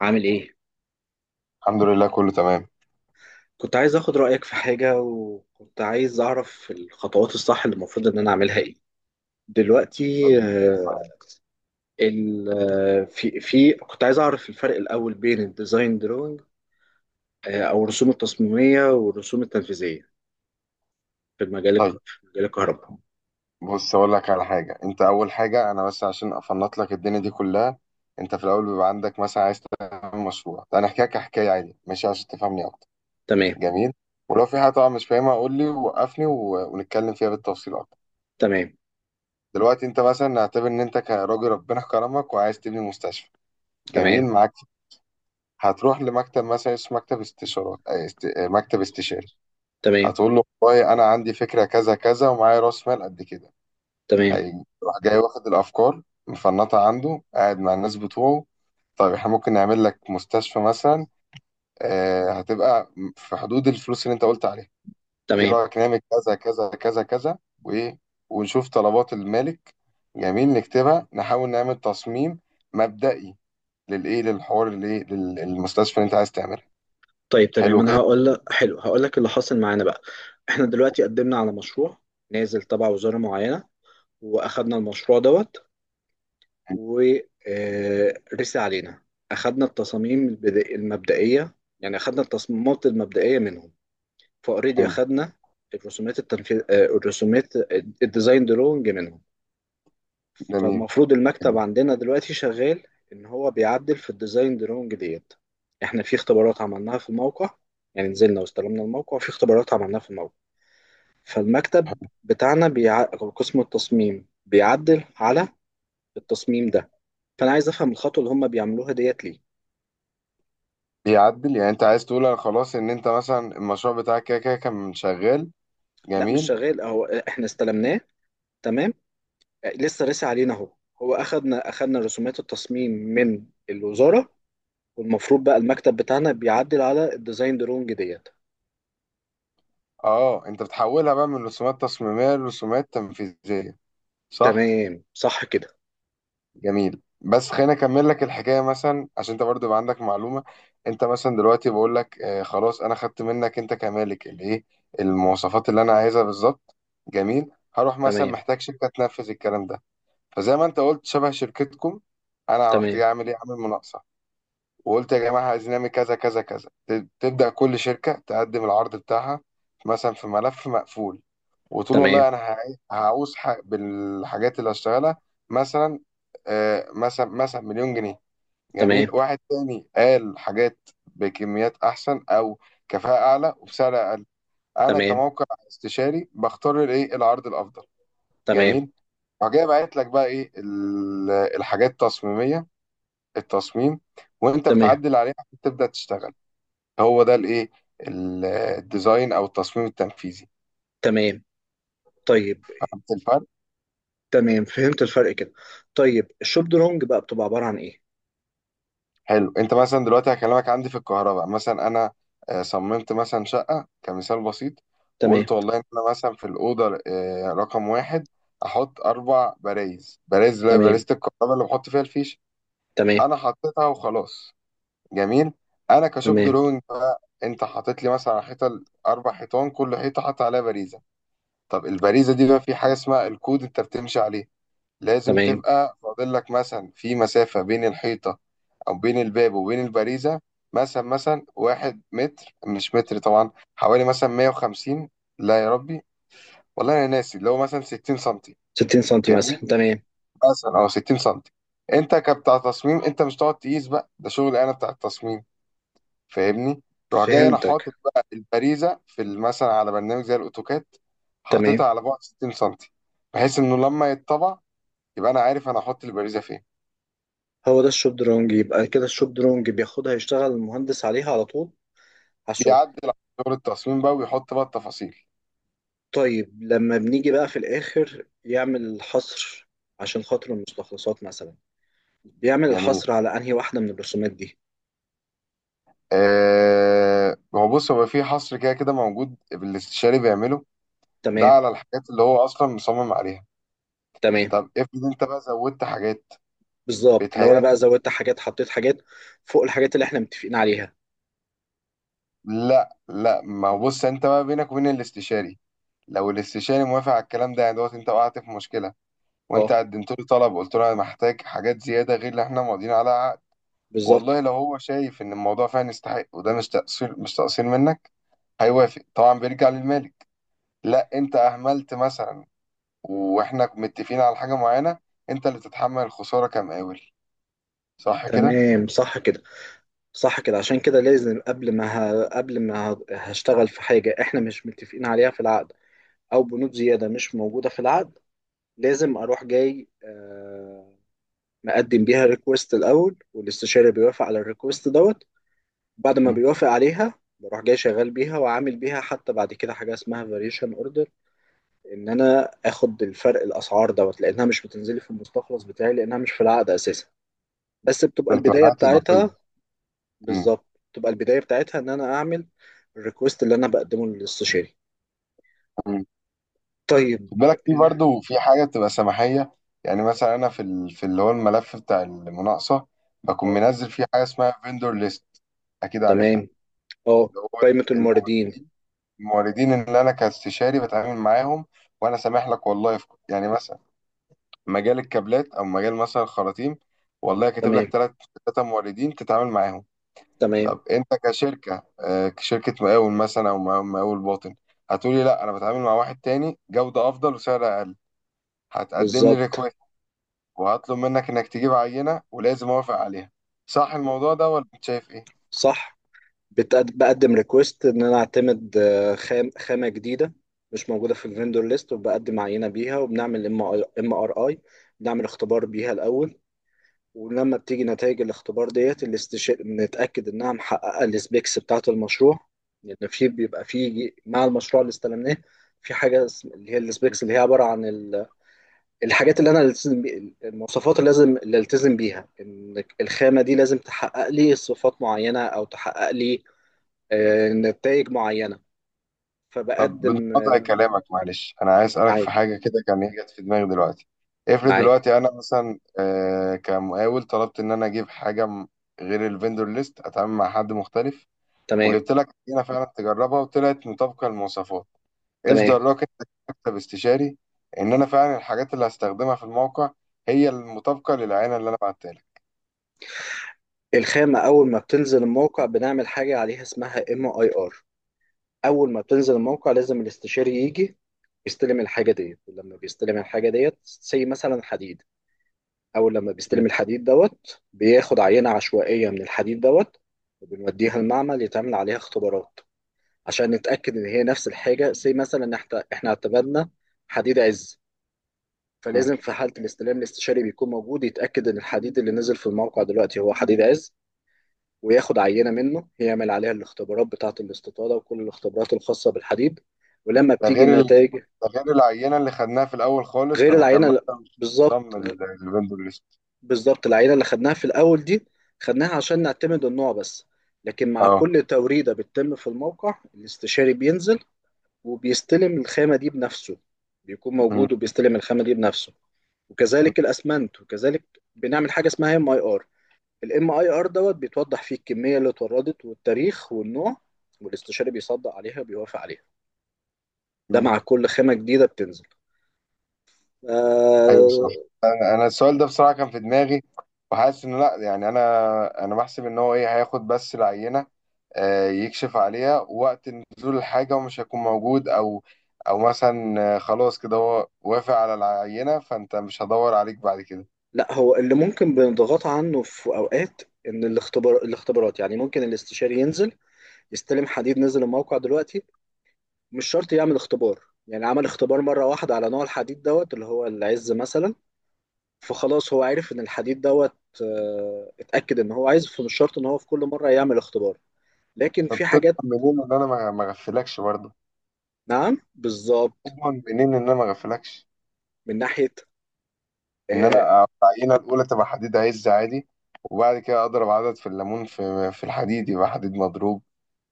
عامل ايه؟ الحمد لله كله تمام. كنت عايز اخد رأيك في حاجة، وكنت عايز اعرف الخطوات الصح اللي المفروض ان انا اعملها ايه دلوقتي. آه، ال آه، في كنت عايز اعرف الفرق الاول بين الديزاين دروينج، او الرسوم التصميمية والرسوم التنفيذية في المجال طيب، في مجال الكهرباء. بص اقول لك على حاجه. انت اول حاجه انا بس عشان افنط لك الدنيا دي كلها. انت في الاول بيبقى عندك مثلا عايز تعمل مشروع. طيب، انا احكي لك حكايه عادي ماشي عشان تفهمني اكتر. تمام. جميل. ولو في حاجه طبعا مش فاهمها قول لي وقفني ونتكلم فيها بالتفصيل اكتر. تمام. دلوقتي انت مثلا نعتبر ان انت كراجل ربنا كرمك وعايز تبني مستشفى. جميل تمام. معاك. هتروح لمكتب مثلا اسمه مكتب استشارات، آه، مكتب استشاري. تمام. هتقول له والله انا عندي فكره كذا كذا ومعايا راس مال قد كده. تمام. حقيقي راح جاي واخد الافكار مفنطها عنده قاعد مع الناس بتوعه. طيب احنا ممكن نعمل لك مستشفى مثلا. هتبقى في حدود الفلوس اللي انت قلت عليها. ايه تمام. رايك نعمل كذا كذا كذا كذا، وايه، ونشوف طلبات المالك. جميل، نكتبها نحاول نعمل تصميم مبدئي للايه، للحوار، الايه، للمستشفى اللي انت عايز تعملها. طيب. تمام، حلو انا كده. هقول لك، حلو هقول لك اللي حاصل معانا بقى. احنا دلوقتي قدمنا على مشروع نازل تبع وزارة معينة، واخدنا المشروع دوت ورسي علينا. اخدنا التصاميم المبدئيه، يعني اخدنا التصميمات المبدئيه منهم فاوريدي. حلو. اخدنا الرسومات التنفيذ الرسومات الديزاين درونج منهم. جميل. فالمفروض المكتب جميل. عندنا دلوقتي شغال ان هو بيعدل في الديزاين درونج ديت. احنا في اختبارات عملناها في الموقع، يعني نزلنا واستلمنا الموقع وفي اختبارات عملناها في الموقع. فالمكتب بتاعنا أو قسم التصميم بيعدل على التصميم ده. فانا عايز افهم الخطوه اللي هم بيعملوها ديت ليه. بيعدل، يعني انت عايز تقول انا خلاص ان انت مثلا المشروع بتاعك كده كده كان شغال. لا، مش جميل. شغال، اهو احنا استلمناه. تمام. لسه رسي علينا اهو. هو اخدنا رسومات التصميم من الوزاره، والمفروض بقى المكتب بتاعنا بيعدل على الديزاين درونج ديت. اه، انت بتحولها بقى من رسومات تصميمية لرسومات تنفيذية. صح. تمام صح كده. جميل، بس خليني اكمل لك الحكاية مثلا عشان انت برضو يبقى عندك معلومة. انت مثلا دلوقتي بقول لك خلاص انا خدت منك انت كمالك الايه، المواصفات اللي انا عايزها بالظبط. جميل، هروح مثلا تمام. محتاج شركة تنفذ الكلام ده. فزي ما انت قلت شبه شركتكم. انا رحت جاي تمام. اعمل ايه، اعمل مناقصة. وقلت يا جماعة عايزين نعمل كذا كذا كذا، تبدأ كل شركة تقدم العرض بتاعها مثلا في ملف مقفول. وتقول تمام. والله أنا بالحاجات اللي هشتغلها، مثلا، مثلا مليون جنيه. تمام. جميل، واحد تاني قال حاجات بكميات أحسن أو كفاءة أعلى وبسعر أقل. أنا تمام. كموقع استشاري بختار الإيه، العرض الأفضل. تمام. جميل. وجاي بعت لك بقى إيه الحاجات التصميمية، التصميم، وأنت تمام. بتعدل عليها عشان تبدأ تشتغل. هو ده الايه، الديزاين او التصميم التنفيذي. تمام. طيب. فهمت الفرق؟ تمام، فهمت الفرق كده. طيب الشوب درونج بقى بتبقى عباره عن ايه؟ حلو، انت مثلا دلوقتي هكلمك عندي في الكهرباء مثلا، انا صممت مثلا شقه كمثال بسيط. تمام. وقلت والله ان انا مثلا في الاوضه رقم واحد احط اربع برايز. برايز اللي هي تمام. بارزه الكهرباء اللي بحط فيها الفيش. تمام. انا حطيتها وخلاص. جميل. انا كشوب تمام. دروينج بقى، انت حاطط لي مثلا على حيطه، اربع حيطان كل حيطه حاطط عليها باريزه. طب الباريزه دي بقى في حاجه اسمها الكود انت بتمشي عليه. لازم تمام. تبقى فاضل لك مثلا في مسافة بين الحيطة أو بين الباب وبين البريزة. مثلا واحد متر، مش متر طبعا، حوالي مثلا 150. لا يا ربي، والله أنا ناسي، اللي هو مثلا 60 سنتي. 60 سنتي مثلا. جميل، تمام. مثلا، أو 60 سنتي. أنت كبتاع تصميم أنت مش تقعد تقيس بقى، ده شغل أنا بتاع التصميم. فاهمني؟ روح جاي أنا فهمتك. حاطط بقى البريزة في ال-، مثلا على برنامج زي الأوتوكاد، تمام. حاططها على بعد 60 سنتي. بحيث إنه لما يتطبع يبقى أنا عارف أنا هحط البريزة فين. هو ده الشبدرونج، يبقى كده الشبدرونج بياخدها يشتغل المهندس عليها على طول على الشغل. بيعدل على دور التصميم بقى ويحط بقى التفاصيل. طيب لما بنيجي بقى في الآخر يعمل حصر عشان خاطر المستخلصات مثلا، بيعمل جميل. الحصر على أنهي واحدة من الرسومات دي؟ هو، بص، هو في حصر كده كده موجود الاستشاري بيعمله. ده تمام. على الحاجات اللي هو اصلا مصمم عليها. تمام. طب افرض انت بقى زودت حاجات. بالظبط، لو أنا بقى بيتهيألي زودت حاجات حطيت حاجات فوق الحاجات اللي احنا متفقين عليها. لا، لا، ما هو بص انت بقى بينك وبين الاستشاري. لو الاستشاري موافق على الكلام ده يعني دوت انت وقعت في مشكله. وانت اه. قدمت له طلب، قلت له انا محتاج حاجات زياده غير اللي احنا ماضيين عليها عقد. بالظبط. والله لو هو شايف ان الموضوع فعلا يستحق، وده مش تقصير، مش تقصير منك، هيوافق طبعا، بيرجع للمالك. لا انت اهملت مثلا، واحنا متفقين على حاجه معينه، انت اللي تتحمل الخساره كمقاول. صح كده؟ تمام صح كده. صح كده، عشان كده لازم قبل ما، هشتغل في حاجة احنا مش متفقين عليها في العقد، او بنود زيادة مش موجودة في العقد، لازم اروح جاي مقدم بيها ريكوست الاول، والاستشاري بيوافق على الريكوست دوت. بعد ما مم. بيوافق عليها بروح جاي شغال بيها وعامل بيها، حتى بعد كده حاجه اسمها فاريشن اوردر، ان انا اخد الفرق الاسعار دوت لانها مش بتنزلي في المستخلص بتاعي لانها مش في العقد اساسا. بس بتبقى ده بتبقى البدايه حاجات اضافيه. بتاعتها، مم. بالظبط. بتبقى البدايه بتاعتها ان انا اعمل الريكوست اللي انا بقدمه للاستشاري. مم. طيب. خد بالك في ال- برضه في حاجه بتبقى سماحيه. يعني مثلا انا في اللي هو الملف بتاع المناقصه، بكون اه. منزل فيه حاجه اسمها فيندور ليست. اكيد عارفها. تمام. اه. اللي هو قائمه الموردين. الموردين. الموردين، اللي انا كاستشاري بتعامل معاهم. وانا سامح لك والله في، يعني مثلا مجال الكابلات او مجال مثلا الخراطيم، والله كاتب تمام. لك ثلاثه موردين تتعامل معاهم. تمام. طب انت كشركه، كشركه مقاول مثلا، او مقاول، باطن، هتقولي لا انا بتعامل مع واحد تاني جوده افضل وسعر اقل. هتقدم لي بالظبط. ريكويست، وهطلب منك انك تجيب عينه ولازم اوافق عليها. صح الموضوع ده ولا انت شايف صح. بقدم ريكوست ان انا اعتمد خامه جديده مش موجوده في الفندور ليست، وبقدم عينه بيها وبنعمل ام ار اي، بنعمل اختبار بيها الاول. ولما بتيجي نتائج الاختبار ديت نتاكد انها محققه السبيكس بتاعه المشروع، لان في بيبقى في مع المشروع اللي استلمناه في حاجه اللي هي ايه؟ السبيكس، اللي هي عباره عن ال- الحاجات اللي انا التزم المواصفات اللي لازم اللي التزم بيها ان الخامه دي لازم تحقق لي صفات معينه، او تحقق لي نتائج معينة. طب فبقدم بنقطع كلامك، معلش، انا عايز اسالك في معاك. حاجه كده كان هي جت في دماغي دلوقتي. افرض معاك. دلوقتي انا مثلا كمقاول طلبت ان انا اجيب حاجه غير الفندور ليست، اتعامل مع حد مختلف. تمام. وجبت لك هنا فعلا تجربها وطلعت مطابقه للمواصفات. ايش تمام. دراك انت كمكتب استشاري ان انا فعلا الحاجات اللي هستخدمها في الموقع هي المطابقه للعينه اللي انا بعتها لك؟ الخامة أول ما بتنزل الموقع بنعمل حاجة عليها اسمها ام اي ار. أول ما بتنزل الموقع لازم الاستشاري يجي يستلم الحاجة ديت، ولما بيستلم الحاجة ديت زي مثلا حديد، أول لما م-. بيستلم الحديد دوت بياخد عينة عشوائية من الحديد دوت، وبنوديها المعمل يتعمل عليها اختبارات عشان نتأكد إن هي نفس الحاجة زي مثلا إحنا اعتمدنا حديد عز. م. فلازم في حالة الاستلام الاستشاري بيكون موجود يتأكد إن الحديد اللي نزل في الموقع دلوقتي هو حديد عز، وياخد عينة منه يعمل عليها الاختبارات بتاعة الاستطالة وكل الاختبارات الخاصة بالحديد ولما ده بتيجي غير ال...، النتائج. ده غير العينه اللي خدناها في الاول خالص، غير لما كان العينة. مثلا مش ضم بالظبط. الفندور ليست. بالظبط، العينة اللي خدناها في الأول دي خدناها عشان نعتمد النوع بس. لكن مع اه. كل توريدة بتتم في الموقع الاستشاري بينزل وبيستلم الخامة دي بنفسه، بيكون م-. موجود وبيستلم الخامة دي بنفسه، م. وكذلك الأسمنت وكذلك. بنعمل حاجة اسمها ام اي ار. الام اي ار دوت بيتوضح فيه الكميه اللي اتوردت والتاريخ والنوع، والاستشاري بيصدق عليها بيوافق عليها. ده مم. مع كل خامه جديده بتنزل. ايوه صح. آه انا، السؤال ده بصراحه كان في دماغي. وحاسس انه لا، يعني انا بحسب ان هو ايه، هياخد بس العينه، يكشف عليها وقت نزول الحاجه ومش هيكون موجود. او، او مثلا خلاص كده هو وافق على العينه فانت مش هدور عليك بعد كده. لا، هو اللي ممكن بنضغط عنه في اوقات، ان الاختبارات يعني ممكن الاستشاري ينزل يستلم حديد نزل الموقع دلوقتي مش شرط يعمل اختبار. يعني عمل اختبار مره واحده على نوع الحديد دوت اللي هو العز مثلا، فخلاص هو عرف ان الحديد دوت اتاكد ان هو عايز، فمش شرط ان هو في كل مره يعمل اختبار لكن طب في تضمن حاجات. منين ان انا ما اغفلكش برضه؟ نعم بالظبط. تضمن منين ان انا ما اغفلكش؟ من ناحية. ان آه. انا العينه الاولى تبقى حديد عز عادي، وبعد كده اضرب عدد في الليمون في الحديد يبقى حديد مضروب.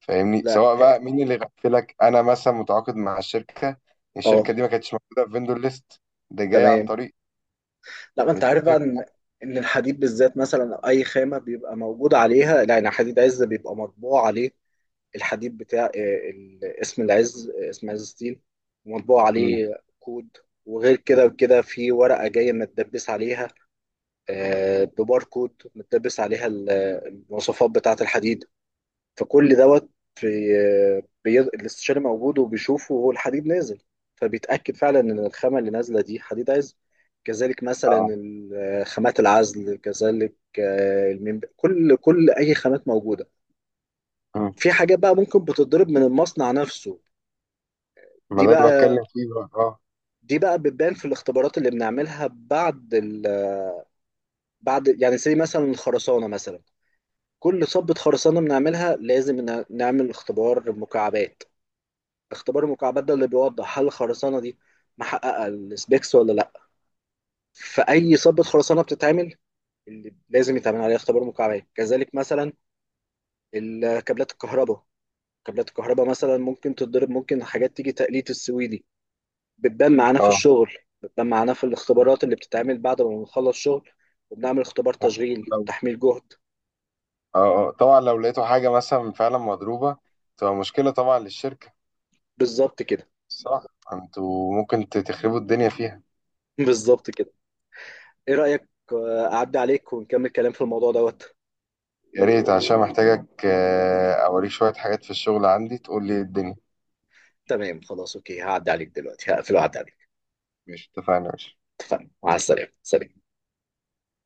فاهمني؟ لا. سواء بقى مين اللي غفلك، انا مثلا متعاقد مع الشركه، اه. الشركه دي ما كانتش موجوده في فيندور ليست، ده جاي عن تمام. طريق. لا، ما انت عارف بقى ان متفق. ان الحديد بالذات مثلا أو اي خامة بيبقى موجود عليها لا يعني حديد عز بيبقى مطبوع عليه. الحديد بتاع اسم العز، اسم عز ستيل، ومطبوع مم. عليه كود. وغير كده وكده في ورقة جاية متدبس عليها، بباركود متدبس عليها ال- المواصفات بتاعة الحديد، فكل دوت في الاستشاري موجود وبيشوفه وهو الحديد نازل، فبيتأكد فعلا إن الخامة اللي نازلة دي حديد عزل. كذلك مثلا اه. خامات العزل، كذلك الميم، كل أي خامات موجودة. مم. في حاجات بقى ممكن بتضرب من المصنع نفسه. ما دي ده اللي بقى بتكلم فيه بقى. اه. دي بقى بتبان في الاختبارات اللي بنعملها بعد يعني زي مثلا الخرسانة مثلا. كل صبة خرسانة بنعملها لازم نعمل اختبار مكعبات. اختبار المكعبات ده اللي بيوضح هل الخرسانه دي محققه السبيكس ولا لا. في اي صبة خرسانه بتتعمل اللي لازم يتعمل عليها اختبار مكعبات. كذلك مثلا كابلات الكهرباء. كابلات الكهرباء مثلا ممكن تتضرب، ممكن حاجات تيجي تقليد السويدي، بتبان معانا في اه. الشغل، بتبان معانا في الاختبارات اللي بتتعمل بعد ما بنخلص شغل وبنعمل اختبار تشغيل لو، تحميل جهد. اه، طبعا لو لقيتوا حاجه مثلا فعلا مضروبه، تبقى مشكله طبعا للشركه. بالظبط كده. صح. انتوا ممكن تخربوا الدنيا فيها. بالظبط كده. ايه رأيك اعدي عليك ونكمل كلام في الموضوع دوت؟ يا ريت، عشان محتاجك اوريك شويه حاجات في الشغل عندي تقول لي إيه الدنيا. تمام خلاص اوكي، هعدي عليك دلوقتي، هقفل وأعدي عليك. ماشي، اتفقنا يا باشا. اتفقنا، مع السلامة، سلام.